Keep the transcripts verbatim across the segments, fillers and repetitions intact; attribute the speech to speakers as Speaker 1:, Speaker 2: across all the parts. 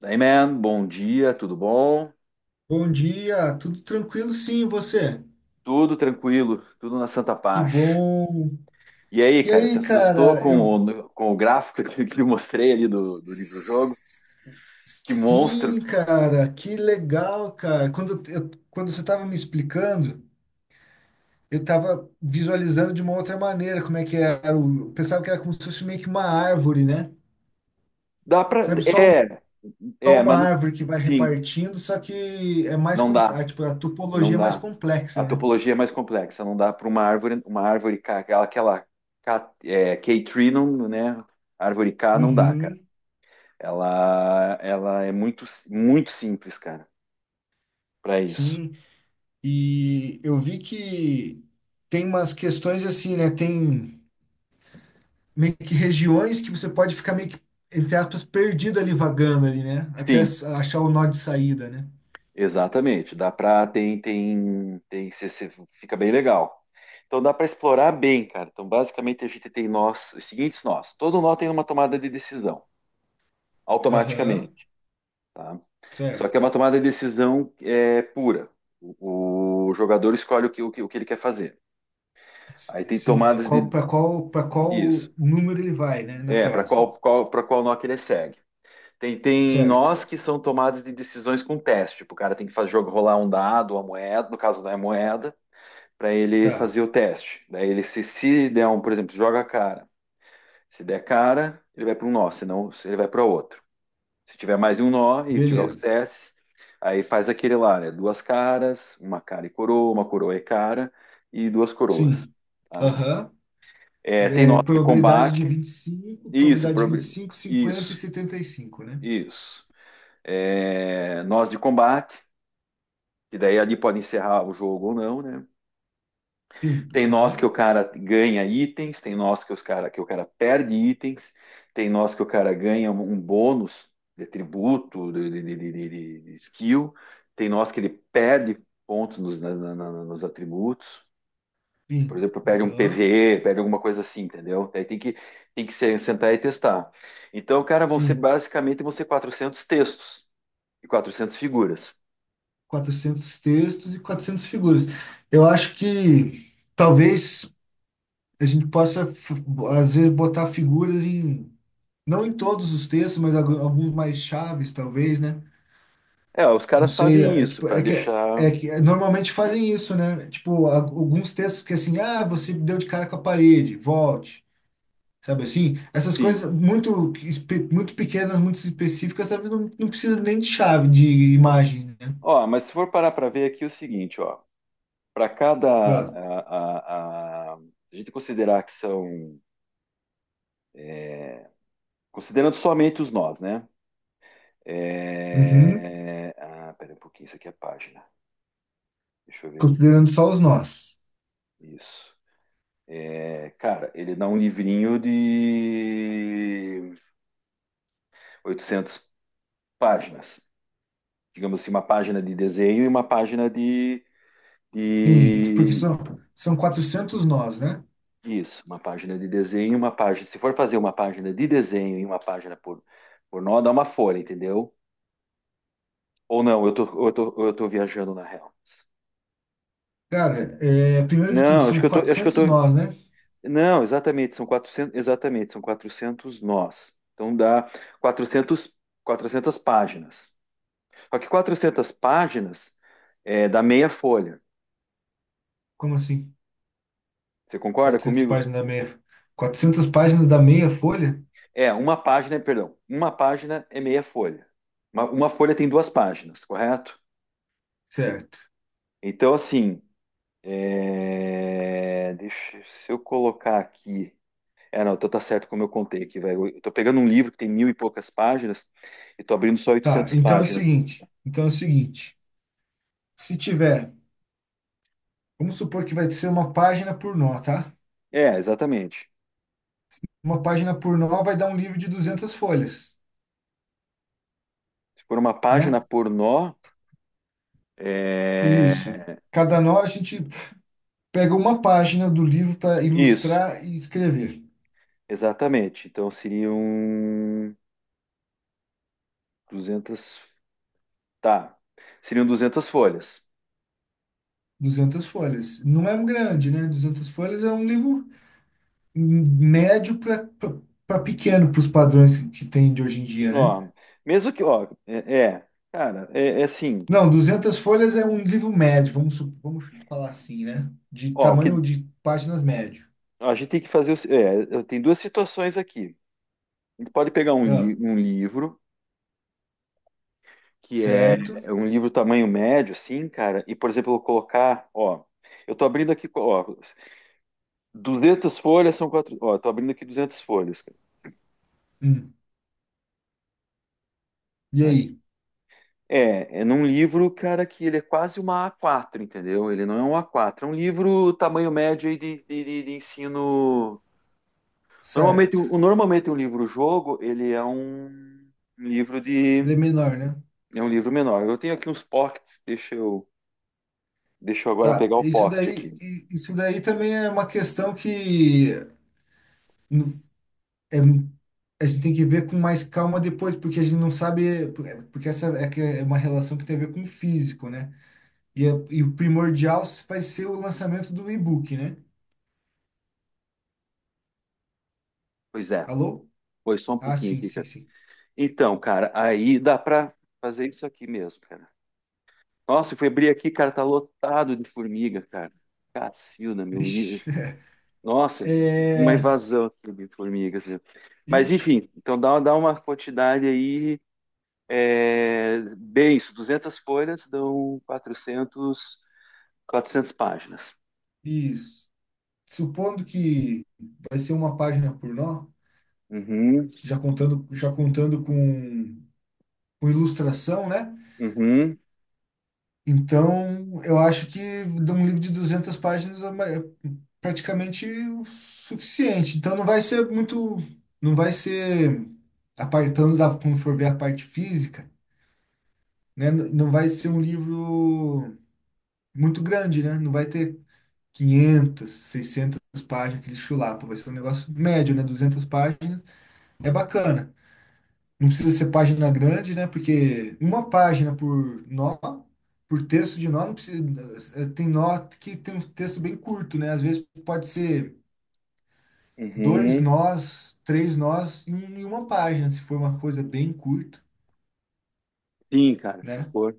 Speaker 1: Daí, man, bom dia, tudo bom?
Speaker 2: Bom dia, tudo tranquilo? Sim, e você?
Speaker 1: Tudo tranquilo, tudo na santa
Speaker 2: Que
Speaker 1: paz.
Speaker 2: bom.
Speaker 1: E aí,
Speaker 2: E
Speaker 1: cara, se
Speaker 2: aí,
Speaker 1: assustou
Speaker 2: cara,
Speaker 1: com
Speaker 2: eu
Speaker 1: o, com o gráfico que que eu mostrei ali do, do livro-jogo? Que monstro!
Speaker 2: sim, cara, que legal, cara. Quando eu, quando você estava me explicando, eu estava visualizando de uma outra maneira como é que era. o- Eu pensava que era como se fosse meio que uma árvore, né?
Speaker 1: Dá pra.
Speaker 2: Sabe, só, um-
Speaker 1: É,
Speaker 2: só
Speaker 1: é,
Speaker 2: uma
Speaker 1: mas não-
Speaker 2: árvore que vai
Speaker 1: sim,
Speaker 2: repartindo, só que é mais,
Speaker 1: não
Speaker 2: com- é,
Speaker 1: dá,
Speaker 2: tipo, a
Speaker 1: não
Speaker 2: topologia é mais
Speaker 1: dá.
Speaker 2: complexa,
Speaker 1: A
Speaker 2: né?
Speaker 1: topologia é mais complexa, não dá para uma árvore, uma árvore K, aquela, aquela K, é, K-tree, não, né? Árvore K não dá, cara.
Speaker 2: Uhum,
Speaker 1: Ela, ela é muito, muito simples, cara, para isso.
Speaker 2: sim. E eu vi que tem umas questões assim, né? Tem meio que regiões que você pode ficar meio que, entre aspas, perdido ali, vagando ali, né? Até
Speaker 1: Sim,
Speaker 2: s- achar o nó de saída, né?
Speaker 1: exatamente, dá para tem tem tem cê- cê- fica bem legal. Então dá para explorar bem, cara. Então basicamente a gente tem nós, os seguintes nós. Todo nó tem uma tomada de decisão
Speaker 2: Aham,
Speaker 1: automaticamente, tá? Só que é
Speaker 2: certo.
Speaker 1: uma tomada de decisão é pura. O, o jogador escolhe o que, o que o que ele quer fazer.
Speaker 2: S-
Speaker 1: Aí tem
Speaker 2: Sim, é
Speaker 1: tomadas
Speaker 2: qual,
Speaker 1: de
Speaker 2: para qual, para qual
Speaker 1: isso.
Speaker 2: número ele vai, né? Na
Speaker 1: É, para
Speaker 2: próxima.
Speaker 1: qual qual para qual nó que ele segue. Tem, tem
Speaker 2: Certo.
Speaker 1: nós que são tomadas de decisões com teste. Tipo, o cara tem que fazer jogo rolar um dado, uma moeda, no caso não é moeda para ele
Speaker 2: Tá,
Speaker 1: fazer o teste. Daí ele se, se der um, por exemplo, joga a cara. Se der cara, ele vai para um nó, senão ele vai para outro. Se tiver mais de um nó e tiver os
Speaker 2: beleza.
Speaker 1: testes, aí faz aquele lá, né? Duas caras, uma cara e coroa, uma coroa e cara e duas coroas.
Speaker 2: Sim.
Speaker 1: Tá?
Speaker 2: Aham.
Speaker 1: É, tem
Speaker 2: É,
Speaker 1: nós de
Speaker 2: probabilidade de
Speaker 1: combate.
Speaker 2: vinte e cinco
Speaker 1: Isso,
Speaker 2: probabilidade de vinte e
Speaker 1: prob-
Speaker 2: cinco cinquenta e
Speaker 1: isso,
Speaker 2: setenta e cinco, né?
Speaker 1: isso. É, nós de combate, que daí ali pode encerrar o jogo ou não, né?
Speaker 2: Sim.
Speaker 1: Tem nós que
Speaker 2: Aham.
Speaker 1: o cara ganha itens, tem nós que os cara que o cara perde itens, tem nós que o cara ganha um um bônus de tributo, de, de- de- de- de- skill, tem nós que ele perde pontos nos, na- na- nos atributos. Por
Speaker 2: Sim.
Speaker 1: exemplo, perde um
Speaker 2: Aham.
Speaker 1: P V E, perde alguma coisa assim, entendeu? Aí tem que tem que se- sentar e testar. Então, cara, vão ser
Speaker 2: Sim.
Speaker 1: basicamente vão ser quatrocentos textos e quatrocentas figuras.
Speaker 2: Quatrocentos textos e quatrocentas figuras. Eu acho que talvez a gente possa, f- às vezes, botar figuras em, não em todos os textos, mas algu- alguns mais chaves, talvez, né?
Speaker 1: É, os
Speaker 2: Não
Speaker 1: caras
Speaker 2: sei,
Speaker 1: fazem
Speaker 2: é,
Speaker 1: isso
Speaker 2: tipo,
Speaker 1: para
Speaker 2: é que,
Speaker 1: deixar,
Speaker 2: é que normalmente fazem isso, né? Tipo, a- alguns textos que assim, ah, você deu de cara com a parede, volte. Sabe assim? Essas
Speaker 1: sim.
Speaker 2: coisas muito, espe- muito pequenas, muito específicas, talvez não, não precisa nem de chave, de imagem, né?
Speaker 1: Ó, mas se for parar para ver aqui é o seguinte, ó. Para cada.
Speaker 2: É.
Speaker 1: A, a, a, a gente considerar que são. Considerando somente os nós, né?
Speaker 2: Uhum.
Speaker 1: É... Ah, pera um pouquinho, isso aqui é a página. Deixa eu ver aqui.
Speaker 2: Considerando só os nós.
Speaker 1: Isso. É, cara, ele dá um livrinho de oitocentas páginas. Digamos assim, uma página de desenho e uma página de,
Speaker 2: Sim, porque
Speaker 1: de...
Speaker 2: são, são quatrocentos nós, né?
Speaker 1: Isso, uma página de desenho e uma página... Se for fazer uma página de desenho e uma página por, por nó, dá uma folha, entendeu? Ou não, eu tô, eu tô, eu tô viajando na real.
Speaker 2: Cara, é, primeiro de tudo,
Speaker 1: Não, acho
Speaker 2: são
Speaker 1: que eu tô, acho que eu
Speaker 2: quatrocentos
Speaker 1: tô.
Speaker 2: nós, né?
Speaker 1: Não, exatamente, são quatrocentos. Exatamente, são quatrocentos nós. Então dá quatrocentos, quatrocentas páginas. Só que quatrocentas páginas é dá meia folha.
Speaker 2: Como assim?
Speaker 1: Você concorda
Speaker 2: quatrocentas
Speaker 1: comigo?
Speaker 2: páginas da meia... quatrocentas páginas da meia folha?
Speaker 1: É, uma página, perdão, uma página é meia folha. Uma, uma folha tem duas páginas, correto?
Speaker 2: Certo.
Speaker 1: Então, assim, é, deixa, se eu colocar aqui. É, não, então tá certo como eu contei aqui, velho. Eu tô pegando um livro que tem mil e poucas páginas e tô abrindo só
Speaker 2: Tá,
Speaker 1: oitocentas
Speaker 2: então é o
Speaker 1: páginas.
Speaker 2: seguinte. Então é o seguinte. Se tiver, vamos supor que vai ser uma página por nó, tá?
Speaker 1: É, exatamente.
Speaker 2: Uma página por nó vai dar um livro de duzentas folhas,
Speaker 1: Se for uma página
Speaker 2: né?
Speaker 1: por nó,
Speaker 2: Isso.
Speaker 1: é...
Speaker 2: Cada nó a gente pega uma página do livro para
Speaker 1: Isso,
Speaker 2: ilustrar e escrever.
Speaker 1: exatamente. Então seriam duzentas, tá, seriam duzentas folhas.
Speaker 2: Duzentas folhas. Não é um grande, né? Duzentas folhas é um livro médio para pequeno, para os padrões que tem de hoje em dia, né?
Speaker 1: Ó, mesmo que... Ó, é, é, cara, é, é assim...
Speaker 2: Não, duzentas folhas é um livro médio, vamos, su- vamos falar assim, né? De
Speaker 1: Ó, o que
Speaker 2: tamanho de páginas médio.
Speaker 1: a gente tem que fazer... é o se- é, tem duas situações aqui. A gente pode pegar um,
Speaker 2: Ah,
Speaker 1: li- um livro que é é
Speaker 2: certo.
Speaker 1: um livro tamanho médio, assim, cara, e, por exemplo, eu vou colocar, ó, eu tô abrindo aqui, ó, duzentas folhas são quatro, ó, eu tô abrindo aqui duzentas folhas, cara,
Speaker 2: Hum. E
Speaker 1: aqui.
Speaker 2: aí?
Speaker 1: É, é num livro, cara, que ele é quase uma A quatro, entendeu? Ele não é um A quatro, é um livro tamanho médio aí de, de, de- de ensino. Normalmente,
Speaker 2: Certo.
Speaker 1: o- normalmente um livro-jogo, ele é um um livro de,
Speaker 2: Ele é menor, né?
Speaker 1: é um livro menor. Eu tenho aqui uns pockets, deixa eu, deixa eu agora
Speaker 2: Tá,
Speaker 1: pegar o
Speaker 2: isso
Speaker 1: pocket
Speaker 2: daí,
Speaker 1: aqui.
Speaker 2: i- isso daí também é uma questão que é a gente tem que ver com mais calma depois, porque a gente não sabe, porque essa é que é uma relação que tem a ver com o físico, né? E, é- e o primordial vai ser o lançamento do e-book, né?
Speaker 1: Pois é,
Speaker 2: Alô?
Speaker 1: pois só um
Speaker 2: Ah,
Speaker 1: pouquinho
Speaker 2: sim,
Speaker 1: aqui,
Speaker 2: sim,
Speaker 1: cara.
Speaker 2: sim.
Speaker 1: Então, cara, aí dá pra fazer isso aqui mesmo, cara. Nossa, eu fui abrir aqui, cara, tá lotado de formiga, cara. Cacilda, meu nível.
Speaker 2: Vixe.
Speaker 1: Nossa, uma
Speaker 2: É,
Speaker 1: invasão aqui de formigas, né? Mas,
Speaker 2: ixi,
Speaker 1: enfim, então dá, dá uma quantidade aí, é, bem isso, duzentas folhas dão quatrocentos, quatrocentas páginas.
Speaker 2: isso. Supondo que vai ser uma página por nó,
Speaker 1: Uhum,
Speaker 2: já contando, já contando com, com ilustração, né?
Speaker 1: uhum,
Speaker 2: Então, eu acho que de um livro de duzentas páginas é ma- é praticamente o suficiente. Então, não vai ser muito, não vai ser, a parte, pelo menos da- quando for ver a parte física, né? n- Não vai ser um livro muito grande, né? Não vai ter quinhentas seiscentas páginas, aquele chulapa. Vai ser um negócio médio, né? Duzentas páginas é bacana. Não precisa ser página grande, né? Porque uma página por nó, por texto de nó, não precisa. eh, eh, Tem nó que tem um texto bem curto, né? Às vezes pode ser dois
Speaker 1: uhum.
Speaker 2: nós, três nós em um- em uma página, se for uma coisa bem curta,
Speaker 1: Sim, cara, se
Speaker 2: né?
Speaker 1: for.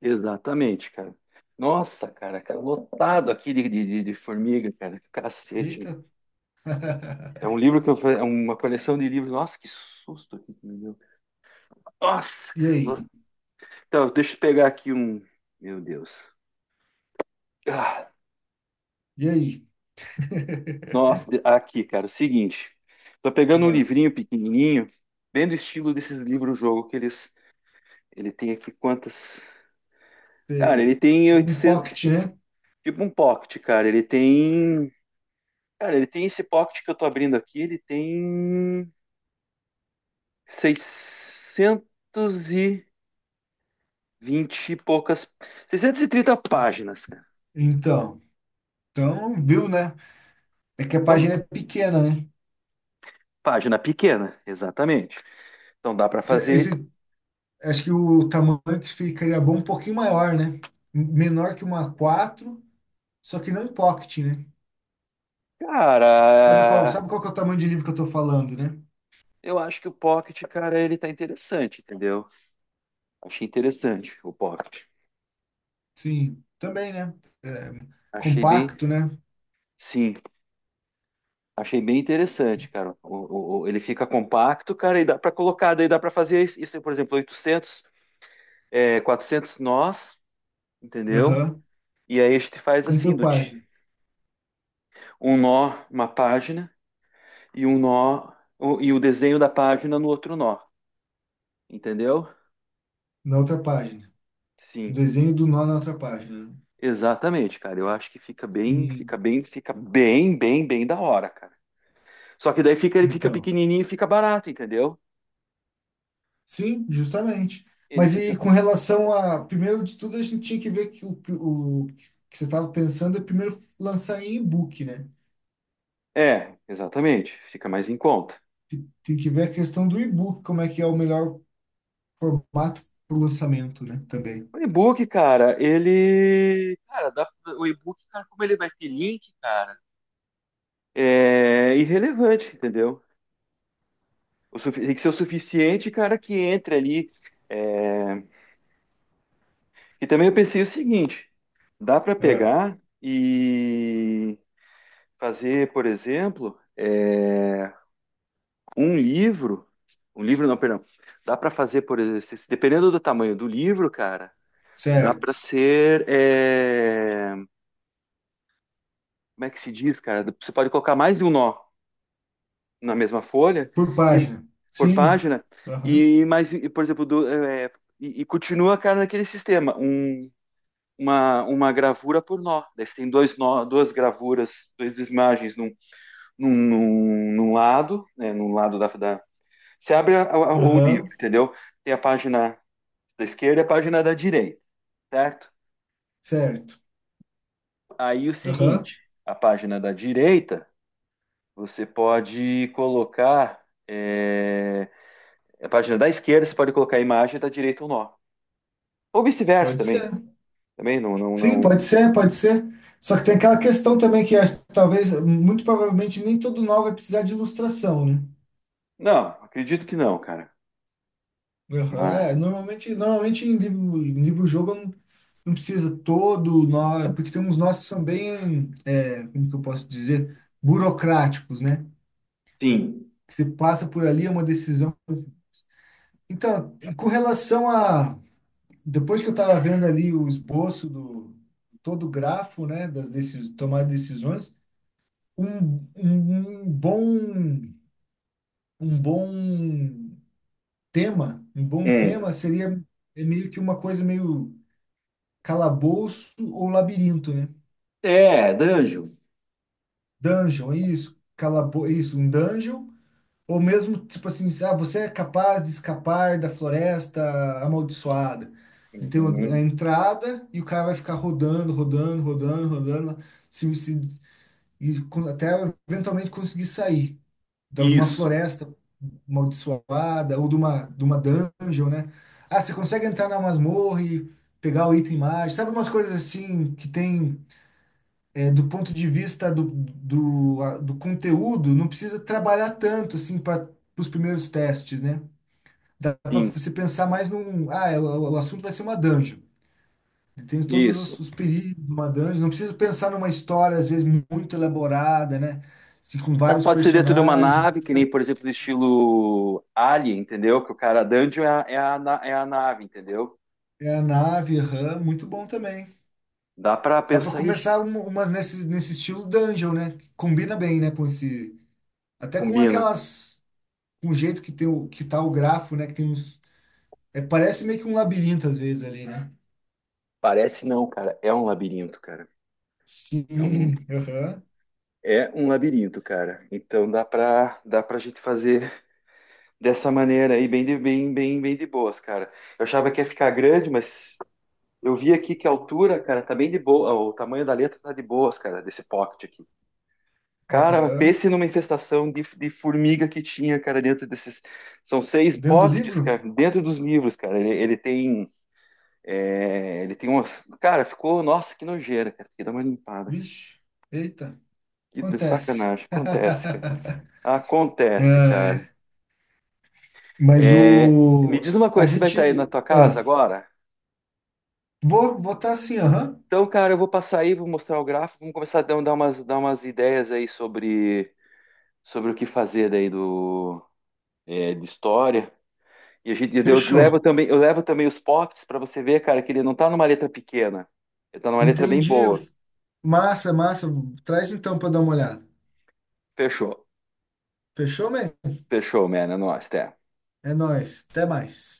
Speaker 1: Exatamente, cara. Nossa, cara, cara, lotado aqui de, de, de- de formiga, cara. Cacete,
Speaker 2: Eita!
Speaker 1: meu. É um livro que eu fa- é uma coleção de livros. Nossa, que susto aqui que me deu. Nossa,
Speaker 2: E
Speaker 1: cara. lo-
Speaker 2: aí?
Speaker 1: Então, deixa eu pegar aqui um. Meu Deus. Ah,
Speaker 2: E aí?
Speaker 1: nossa, de- aqui, cara, o seguinte. Tô pegando um
Speaker 2: É,
Speaker 1: livrinho pequenininho, bem do estilo desses livros-jogo que eles. Ele tem aqui quantas. Cara, ele
Speaker 2: sei.
Speaker 1: tem
Speaker 2: Tipo um
Speaker 1: oitocentos.
Speaker 2: pocket, né?
Speaker 1: Tipo um pocket, cara. Ele tem. Cara, ele tem esse pocket que eu tô abrindo aqui, ele tem seiscentos e vinte e poucas. Seiscentas e trinta páginas, cara.
Speaker 2: Então, então, viu, né? É que a
Speaker 1: Então,
Speaker 2: página é pequena, né?
Speaker 1: página pequena, exatamente. Então dá para fazer.
Speaker 2: Esse, Acho que o tamanho que ficaria bom um pouquinho maior, né? Menor que uma quatro, só que não pocket, né? Sabe qual,
Speaker 1: Cara,
Speaker 2: sabe qual que é o tamanho de livro que eu tô falando, né?
Speaker 1: eu acho que o Pocket, cara, ele tá interessante, entendeu? Achei interessante o Pocket.
Speaker 2: Sim, também, né? É,
Speaker 1: Achei bem.
Speaker 2: compacto, né?
Speaker 1: Sim, achei bem interessante, cara. O- o- o- ele fica compacto, cara, e dá para colocar, daí dá para fazer isso, por exemplo, oitocentos, é, quatrocentos nós, entendeu?
Speaker 2: Aham.
Speaker 1: E aí a gente faz
Speaker 2: Um
Speaker 1: assim,
Speaker 2: por
Speaker 1: do ti-
Speaker 2: página,
Speaker 1: um nó, uma página, e um nó, o- e o desenho da página no outro nó, entendeu?
Speaker 2: na outra página. O
Speaker 1: Sim,
Speaker 2: desenho do nó na outra página, né?
Speaker 1: exatamente, cara. Eu acho que fica bem, fica
Speaker 2: Sim,
Speaker 1: bem, fica bem, bem, bem da hora, cara. Só que daí fica, ele fica
Speaker 2: então.
Speaker 1: pequenininho e fica barato, entendeu?
Speaker 2: Sim, justamente.
Speaker 1: Ele
Speaker 2: Mas e
Speaker 1: fica,
Speaker 2: com relação a, primeiro de tudo, a gente tinha que ver que o, o que você estava pensando é primeiro lançar em e-book, né?
Speaker 1: é, exatamente, fica mais em conta.
Speaker 2: te- Tem que ver a questão do e-book, como é que é o melhor formato para o lançamento, né? Também.
Speaker 1: O e-book, cara, ele, cara, dá- o e-book, cara, como ele vai ter link, cara, é irrelevante, entendeu? O sufi- tem que ser o suficiente, cara, que entre ali. É, e também eu pensei o seguinte: dá para
Speaker 2: É,
Speaker 1: pegar e fazer, por exemplo, é, um livro. Um livro, não, perdão. Dá para fazer, por exemplo, se- dependendo do tamanho do livro, cara, dá para
Speaker 2: certo.
Speaker 1: ser. É, como é que se diz, cara? Você pode colocar mais de um nó na mesma folha,
Speaker 2: Por
Speaker 1: e
Speaker 2: página.
Speaker 1: por
Speaker 2: Sim.
Speaker 1: página,
Speaker 2: Aham.
Speaker 1: e mais, e, por exemplo, do, é, e, e continua, cara, naquele sistema. Um, uma, uma gravura por nó. Daí você tem dois nó, duas gravuras, duas imagens num, num, num, num lado, né, num lado da, da... Você abre a- a- o livro,
Speaker 2: Aham.
Speaker 1: entendeu? Tem a página da esquerda e a página da direita, certo?
Speaker 2: Certo.
Speaker 1: Aí o
Speaker 2: Aham.
Speaker 1: seguinte, a página da direita, você pode colocar... É, a página da esquerda, você pode colocar a imagem da direita o nó. Ou vice-versa
Speaker 2: Pode
Speaker 1: também.
Speaker 2: ser.
Speaker 1: Também não, não,
Speaker 2: Sim,
Speaker 1: não...
Speaker 2: pode ser, pode ser. Só que tem aquela questão também que acho que talvez, muito provavelmente, nem todo nó vai precisar de ilustração, né?
Speaker 1: Não, acredito que não, cara.
Speaker 2: Aham,
Speaker 1: Mas,
Speaker 2: É, normalmente, normalmente em livro, em livro-jogo não não precisa todo nó, porque tem uns nós que são bem, é, como que eu posso dizer, burocráticos, né?
Speaker 1: sim.
Speaker 2: Você passa por ali, é uma decisão. Então, e com relação a. Depois que eu estava vendo ali o esboço do todo o grafo, né, das decis tomar decisões, um, um, um bom um bom tema, um bom
Speaker 1: É.
Speaker 2: tema seria é meio que uma coisa meio calabouço ou labirinto, né?
Speaker 1: É, danjo.
Speaker 2: Dungeon, é isso, calabo, é isso, um dungeon. Ou mesmo, tipo assim, ah, você é capaz de escapar da floresta amaldiçoada. E tem a
Speaker 1: Uhum.
Speaker 2: entrada e o cara vai ficar rodando, rodando, rodando, rodando, lá, se, se, e con- até eventualmente conseguir sair da- de uma
Speaker 1: Isso,
Speaker 2: floresta amaldiçoada ou de uma, de uma dungeon, né? Ah, você consegue entrar na masmorra e pegar o item mágico. Sabe umas coisas assim que tem. É, do ponto de vista do, do, a- do conteúdo, não precisa trabalhar tanto assim para os primeiros testes, né? Dá para
Speaker 1: sim,
Speaker 2: você pensar mais num. Ah, é, o, o assunto vai ser uma dungeon. Tem todos os,
Speaker 1: isso.
Speaker 2: os perigos de uma dungeon. Não precisa pensar numa história, às vezes, muito elaborada, né? Assim, com
Speaker 1: Dá-
Speaker 2: vários
Speaker 1: Pode ser dentro de uma
Speaker 2: personagens.
Speaker 1: nave, que nem, por exemplo, do estilo Alien, entendeu? Que o cara dungeon é a, é a, na- é a nave, entendeu?
Speaker 2: É a nave, aham, muito bom também.
Speaker 1: Dá pra
Speaker 2: Dá para
Speaker 1: pensar, ixi,
Speaker 2: começar um- umas nesse, nesse estilo dungeon, né? Combina bem, né? Com esse. Até com
Speaker 1: combina.
Speaker 2: aquelas. Com o jeito que tem o que tá o grafo, né? Que tem uns. É, parece meio que um labirinto às vezes ali, né?
Speaker 1: Parece não, cara. É um labirinto, cara. É um,
Speaker 2: Sim, aham,
Speaker 1: é um labirinto, cara. Então dá pra, dá pra gente fazer dessa maneira aí, bem de, bem, bem, bem de boas, cara. Eu achava que ia ficar grande, mas eu vi aqui que a altura, cara, tá bem de boa. O tamanho da letra tá de boas, cara, desse pocket aqui. Cara,
Speaker 2: aham.
Speaker 1: pense numa infestação de, de formiga que tinha, cara, dentro desses. São seis
Speaker 2: Dentro do
Speaker 1: pockets,
Speaker 2: livro?
Speaker 1: cara, dentro dos livros, cara. Ele, ele tem. É, ele tem umas. Cara, ficou. Nossa, que nojeira, cara. Tem que dar uma limpada.
Speaker 2: Vixe, eita,
Speaker 1: Que
Speaker 2: acontece.
Speaker 1: sacanagem. Acontece, cara. Acontece, cara.
Speaker 2: É, mas
Speaker 1: É, me
Speaker 2: o.
Speaker 1: diz uma
Speaker 2: A
Speaker 1: coisa, você vai estar aí na
Speaker 2: gente.
Speaker 1: tua casa
Speaker 2: Ah,
Speaker 1: agora?
Speaker 2: vou votar assim, aham.
Speaker 1: Então, cara, eu vou passar aí, vou mostrar o gráfico, vamos começar a dar dar umas, dar umas ideias aí sobre sobre o que fazer daí do, é, de história. E a gente, eu
Speaker 2: Fechou.
Speaker 1: levo também, eu levo também os pops para você ver, cara, que ele não tá numa letra pequena. Ele tá numa letra bem
Speaker 2: Entendi.
Speaker 1: boa.
Speaker 2: Massa, massa. Traz então pra dar uma olhada.
Speaker 1: Fechou.
Speaker 2: Fechou, man?
Speaker 1: Fechou, man. É nóis, até.
Speaker 2: É nóis. Até mais.